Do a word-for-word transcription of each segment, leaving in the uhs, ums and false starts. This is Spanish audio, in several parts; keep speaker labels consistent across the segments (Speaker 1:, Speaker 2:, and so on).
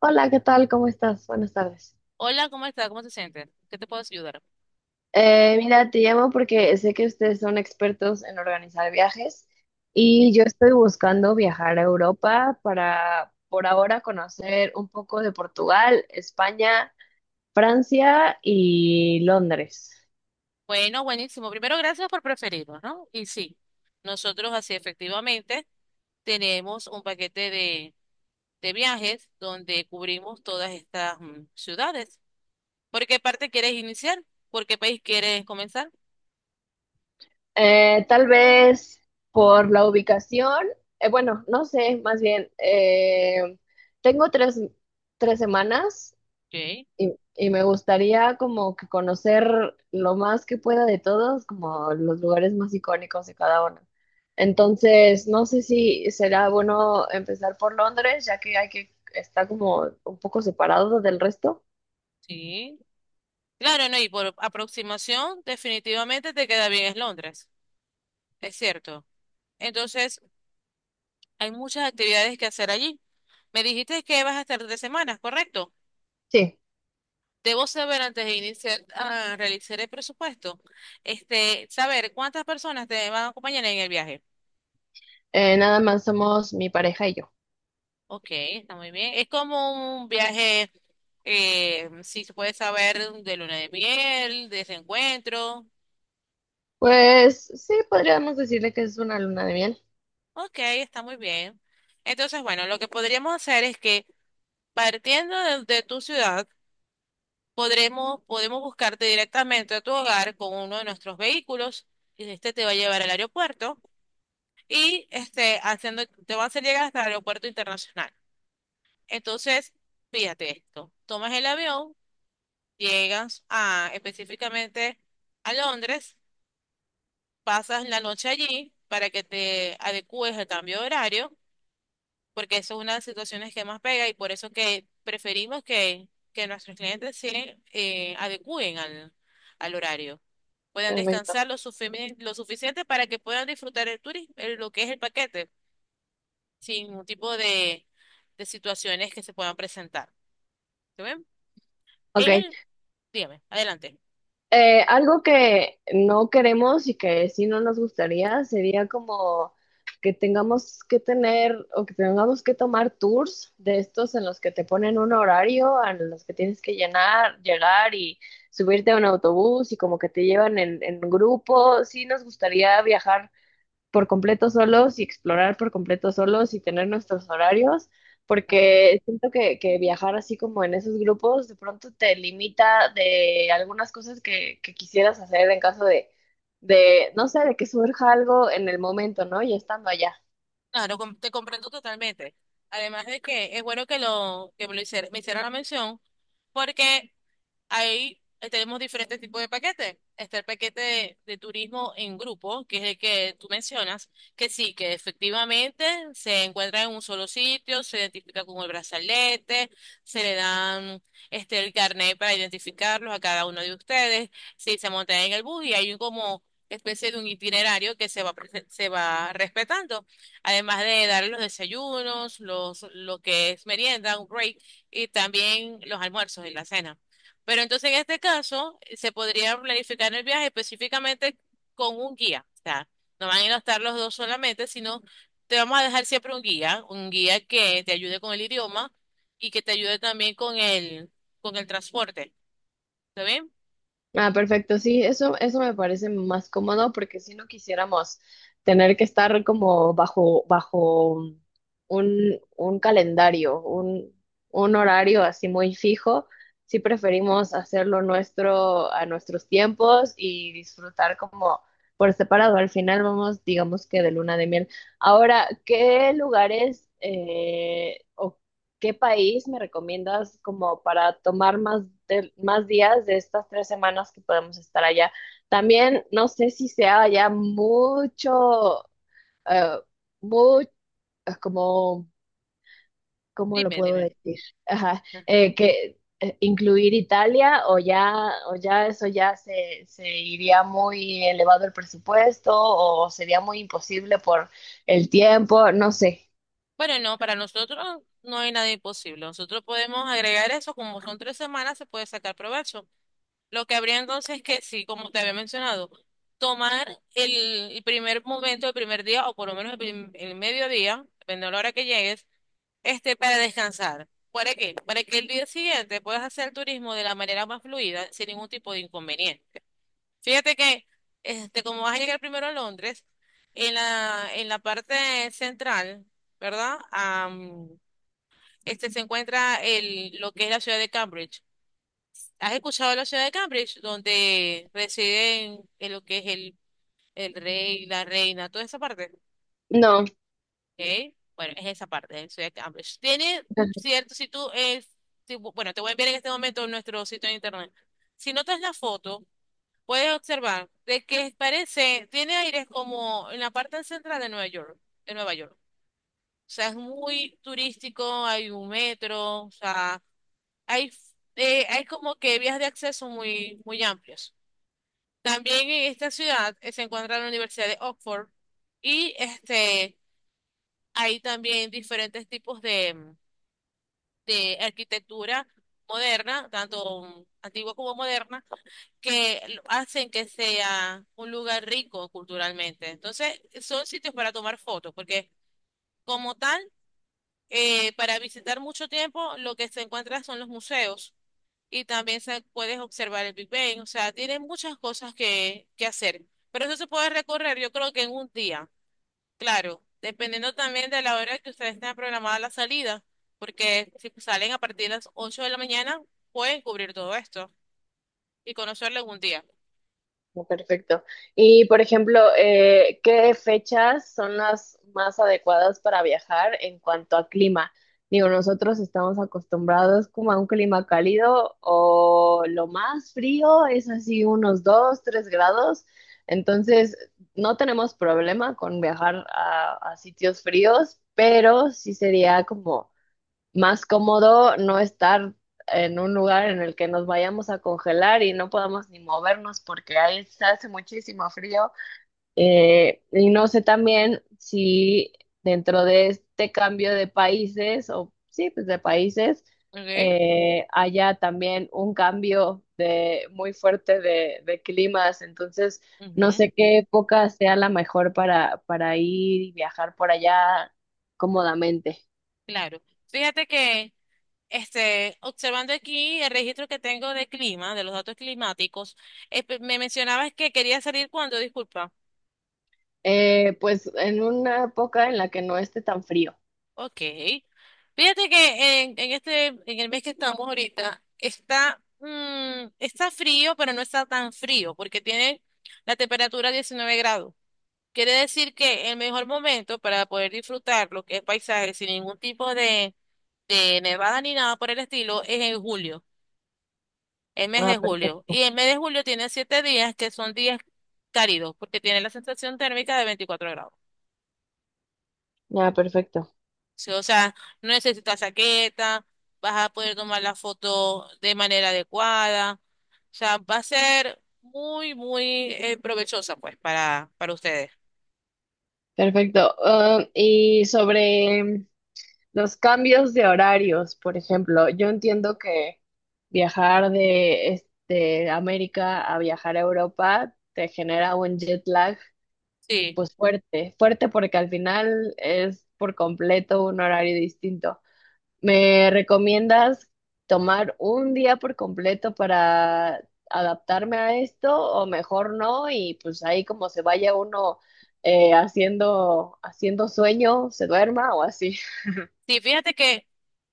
Speaker 1: Hola, ¿qué tal? ¿Cómo estás? Buenas tardes.
Speaker 2: Hola, ¿cómo está? ¿Cómo se siente? ¿Qué te puedo ayudar?
Speaker 1: Eh, mira, te llamo porque sé que ustedes son expertos en organizar viajes y
Speaker 2: Ok.
Speaker 1: yo estoy buscando viajar a Europa para, por ahora, conocer un poco de Portugal, España, Francia y Londres.
Speaker 2: Bueno, buenísimo. Primero, gracias por preferirnos, ¿no? Y sí, nosotros así efectivamente tenemos un paquete de, de viajes donde cubrimos todas estas mm, ciudades. ¿Por qué parte quieres iniciar? ¿Por qué país quieres comenzar?
Speaker 1: Eh, tal vez por la ubicación, eh, bueno, no sé, más bien, eh, tengo tres, tres semanas.
Speaker 2: Ok,
Speaker 1: Y, y me gustaría como que conocer lo más que pueda de todos, como los lugares más icónicos de cada uno. Entonces, no sé si será bueno empezar por Londres, ya que hay que está como un poco separado del resto.
Speaker 2: sí. Claro, no, y por aproximación, definitivamente te queda bien es Londres, es cierto. Entonces, hay muchas actividades que hacer allí. Me dijiste que vas a estar tres semanas, ¿correcto?
Speaker 1: Sí,
Speaker 2: Debo saber antes de iniciar a realizar el presupuesto, este, saber cuántas personas te van a acompañar en el viaje.
Speaker 1: eh, nada más somos mi pareja y yo.
Speaker 2: Ok, está muy bien. Es como un viaje, eh, si se puede saber, de luna de miel, de reencuentro.
Speaker 1: Pues sí, podríamos decirle que es una luna de miel.
Speaker 2: Ok, está muy bien. Entonces, bueno, lo que podríamos hacer es que partiendo de, de tu ciudad, podremos, podemos buscarte directamente a tu hogar con uno de nuestros vehículos y este te va a llevar al aeropuerto y este, haciendo, te va a hacer llegar hasta el aeropuerto internacional. Entonces, fíjate esto, tomas el avión, llegas a, específicamente a Londres, pasas la noche allí para que te adecúes al cambio de horario, porque eso es una de las situaciones que más pega y por eso que preferimos que, que nuestros clientes se eh, adecúen al, al horario. Puedan
Speaker 1: Perfecto.
Speaker 2: descansar lo, sufimi- lo suficiente para que puedan disfrutar el turismo, lo que es el paquete sin ningún tipo de, de situaciones que se puedan presentar. ¿Te ven?
Speaker 1: Ok.
Speaker 2: En el, dígame, adelante.
Speaker 1: Eh, algo que no queremos y que sí no nos gustaría sería como que tengamos que tener o que tengamos que tomar tours de estos en los que te ponen un horario, a los que tienes que llenar, llegar y subirte a un autobús y como que te llevan en, en grupo. Sí nos gustaría viajar por completo solos y explorar por completo solos y tener nuestros horarios,
Speaker 2: Claro.
Speaker 1: porque siento que, que viajar así como en esos grupos de pronto te limita de algunas cosas que, que quisieras hacer en caso de, de, no sé, de que surja algo en el momento, ¿no? Ya estando allá.
Speaker 2: Claro, com- te comprendo totalmente. Además de que es bueno que lo que me, lo hicier- me hicieran la mención, porque ahí eh, tenemos diferentes tipos de paquetes. Está el paquete de, de turismo en grupo, que es el que tú mencionas, que sí, que efectivamente se encuentra en un solo sitio, se identifica con el brazalete, se le dan este, el carnet para identificarlos a cada uno de ustedes, sí, se montan en el bus y hay un como especie de un itinerario que se va, prese- se va respetando, además de darle los desayunos, los, lo que es merienda, un break, y también los almuerzos y la cena. Pero entonces en este caso eh, se podría planificar el viaje específicamente con un guía. O sea, no van a ir a estar los dos solamente, sino te vamos a dejar siempre un guía, un guía que te ayude con el idioma y que te ayude también con el, con el transporte. ¿Está bien?
Speaker 1: Ah, perfecto, sí, eso, eso me parece más cómodo porque si no quisiéramos tener que estar como bajo, bajo un, un calendario, un, un horario así muy fijo, sí preferimos hacerlo nuestro a nuestros tiempos y disfrutar como por separado. Al final vamos, digamos que de luna de miel. Ahora, ¿qué lugares eh, o ¿qué país me recomiendas como para tomar más, de- más días de estas tres semanas que podemos estar allá? También no sé si sea allá mucho, eh, mu- eh, como, ¿cómo lo
Speaker 2: Dime,
Speaker 1: puedo
Speaker 2: dime.
Speaker 1: decir? Ajá,
Speaker 2: Ah.
Speaker 1: eh, que eh, incluir Italia o ya, o ya eso ya se, se iría muy elevado el presupuesto o sería muy imposible por el tiempo, no sé.
Speaker 2: Bueno, no, para nosotros no hay nada imposible. Nosotros podemos agregar eso, como son tres semanas, se puede sacar provecho. Lo que habría entonces es que sí, como te había mencionado, tomar el, el primer momento, el primer día, o por lo menos el, prim- el mediodía, depende de la hora que llegues, este, para descansar. ¿Para qué? Para que el día siguiente puedas hacer turismo de la manera más fluida, sin ningún tipo de inconveniente. Fíjate que, este, como vas a llegar primero a Londres, en la, en la parte central, ¿verdad? Am, este se encuentra el, lo que es la ciudad de Cambridge. ¿Has escuchado la ciudad de Cambridge, donde residen en lo que es el, el rey, la reina, toda esa parte?
Speaker 1: No.
Speaker 2: ¿Ok? Bueno, es esa parte, la ciudad de Cambridge. Tiene cierto, si tú, es, si- bueno, te voy a enviar en este momento nuestro sitio de internet. Si notas la foto, puedes observar de que parece, tiene aires como en la parte central de Nueva York, de Nueva York. O sea, es muy turístico, hay un metro, o sea, hay, eh, hay como que vías de acceso muy, muy amplias. También en esta ciudad eh, se encuentra la Universidad de Oxford y este, hay también diferentes tipos de, mm, de arquitectura moderna, tanto mm, antigua como moderna, que lo- hacen que sea un lugar rico culturalmente. Entonces, son sitios para tomar fotos, porque como tal, eh, para visitar mucho tiempo, lo que se encuentra son los museos y también se, puedes observar el Big Bang. O sea, tiene muchas cosas que, que hacer. Pero eso se puede recorrer, yo creo que en un día. Claro, dependiendo también de la hora que ustedes tengan programada la salida. Porque si salen a partir de las ocho de la mañana, pueden cubrir todo esto y conocerlo en un día.
Speaker 1: Oh, perfecto. Y por ejemplo, eh, ¿qué fechas son las más adecuadas para viajar en cuanto a clima? Digo, nosotros estamos acostumbrados como a un clima cálido o lo más frío es así unos dos, tres grados. Entonces, no tenemos problema con viajar a, a sitios fríos, pero sí sería como más cómodo no estar en un lugar en el que nos vayamos a congelar y no podamos ni movernos porque ahí se hace muchísimo frío. Eh, y no sé también si dentro de este cambio de países, o sí, pues de países,
Speaker 2: Ok.
Speaker 1: eh, haya también un cambio de, muy fuerte de, de climas. Entonces, no sé
Speaker 2: Ujú.
Speaker 1: qué época sea la mejor para, para ir y viajar por allá cómodamente.
Speaker 2: Claro. Fíjate que, este, observando aquí el registro que tengo de clima, de los datos climáticos, eh, pe- me mencionabas que quería salir cuando, disculpa.
Speaker 1: Eh, pues en una época en la que no esté tan frío.
Speaker 2: Ok. Fíjate que en, en este, en el mes que estamos ahorita, está, mm, está frío, pero no está tan frío, porque tiene la temperatura diecinueve grados. Quiere decir que el mejor momento para poder disfrutar lo que es paisaje sin ningún tipo de, de nevada ni nada por el estilo es en julio, el mes
Speaker 1: Ah,
Speaker 2: de julio.
Speaker 1: perfecto.
Speaker 2: Y el mes de julio tiene siete días que son días cálidos, porque tiene la sensación térmica de veinticuatro grados.
Speaker 1: Ah, perfecto.
Speaker 2: Sí, o sea, no necesitas saqueta, vas a poder tomar la foto de manera adecuada. O sea, va a ser muy, muy eh, provechosa, pues, para, para ustedes.
Speaker 1: Perfecto. Ah, y sobre los cambios de horarios, por ejemplo, yo entiendo que viajar de este, América a viajar a Europa te genera un jet lag,
Speaker 2: Sí,
Speaker 1: pues fuerte, fuerte porque al final es por completo un horario distinto. ¿Me recomiendas tomar un día por completo para adaptarme a esto o mejor no? Y pues ahí como se vaya uno eh, haciendo, haciendo sueño, se duerma o así.
Speaker 2: sí, fíjate que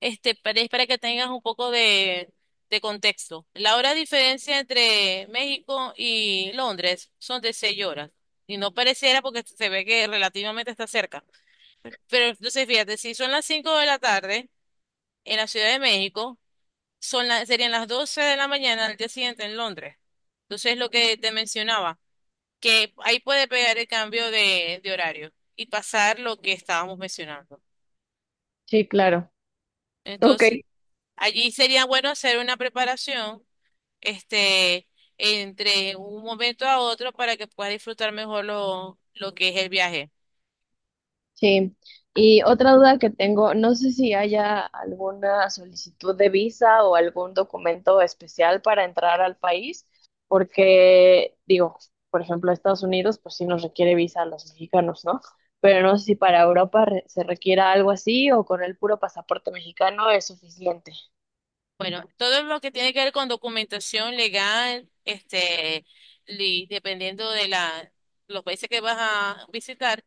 Speaker 2: este, para, es para que tengas un poco de, de contexto. La hora de diferencia entre México y Londres son de seis horas. Y no pareciera porque se ve que relativamente está cerca. Pero entonces, fíjate, si son las cinco de la tarde en la Ciudad de México, son las, serían las doce de la mañana del día siguiente en Londres. Entonces, lo que te mencionaba, que ahí puede pegar el cambio de, de horario y pasar lo que estábamos mencionando.
Speaker 1: Sí, claro. Ok.
Speaker 2: Entonces, allí sería bueno hacer una preparación, este, entre un momento a otro para que pueda disfrutar mejor lo, lo que es el viaje.
Speaker 1: Sí, y otra duda que tengo, no sé si haya alguna solicitud de visa o algún documento especial para entrar al país, porque digo, por ejemplo, Estados Unidos, pues sí nos requiere visa a los mexicanos, ¿no? Pero no sé si para Europa re- se requiera algo así o con el puro pasaporte mexicano es suficiente.
Speaker 2: Bueno, todo lo que tiene que ver con documentación legal, este, li- dependiendo de la, los países que vas a visitar,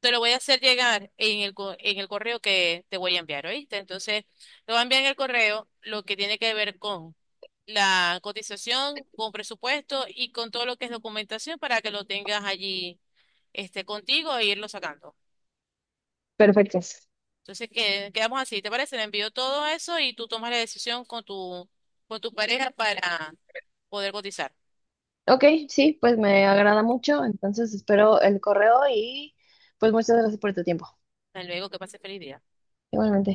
Speaker 2: te lo voy a hacer llegar en el, co- en el correo que te voy a enviar, ¿oíste? Entonces, te voy a enviar en el correo lo que tiene que ver con la cotización, con presupuesto y con todo lo que es documentación para que lo tengas allí, este, contigo e irlo sacando.
Speaker 1: Perfecto.
Speaker 2: Entonces, que- quedamos así, ¿te parece? Le envío todo eso y tú tomas la decisión con tu, con tu pareja para poder cotizar.
Speaker 1: Ok, sí, pues me agrada mucho, entonces espero el correo y pues muchas gracias por tu tiempo.
Speaker 2: Hasta luego, que pase feliz día.
Speaker 1: Igualmente.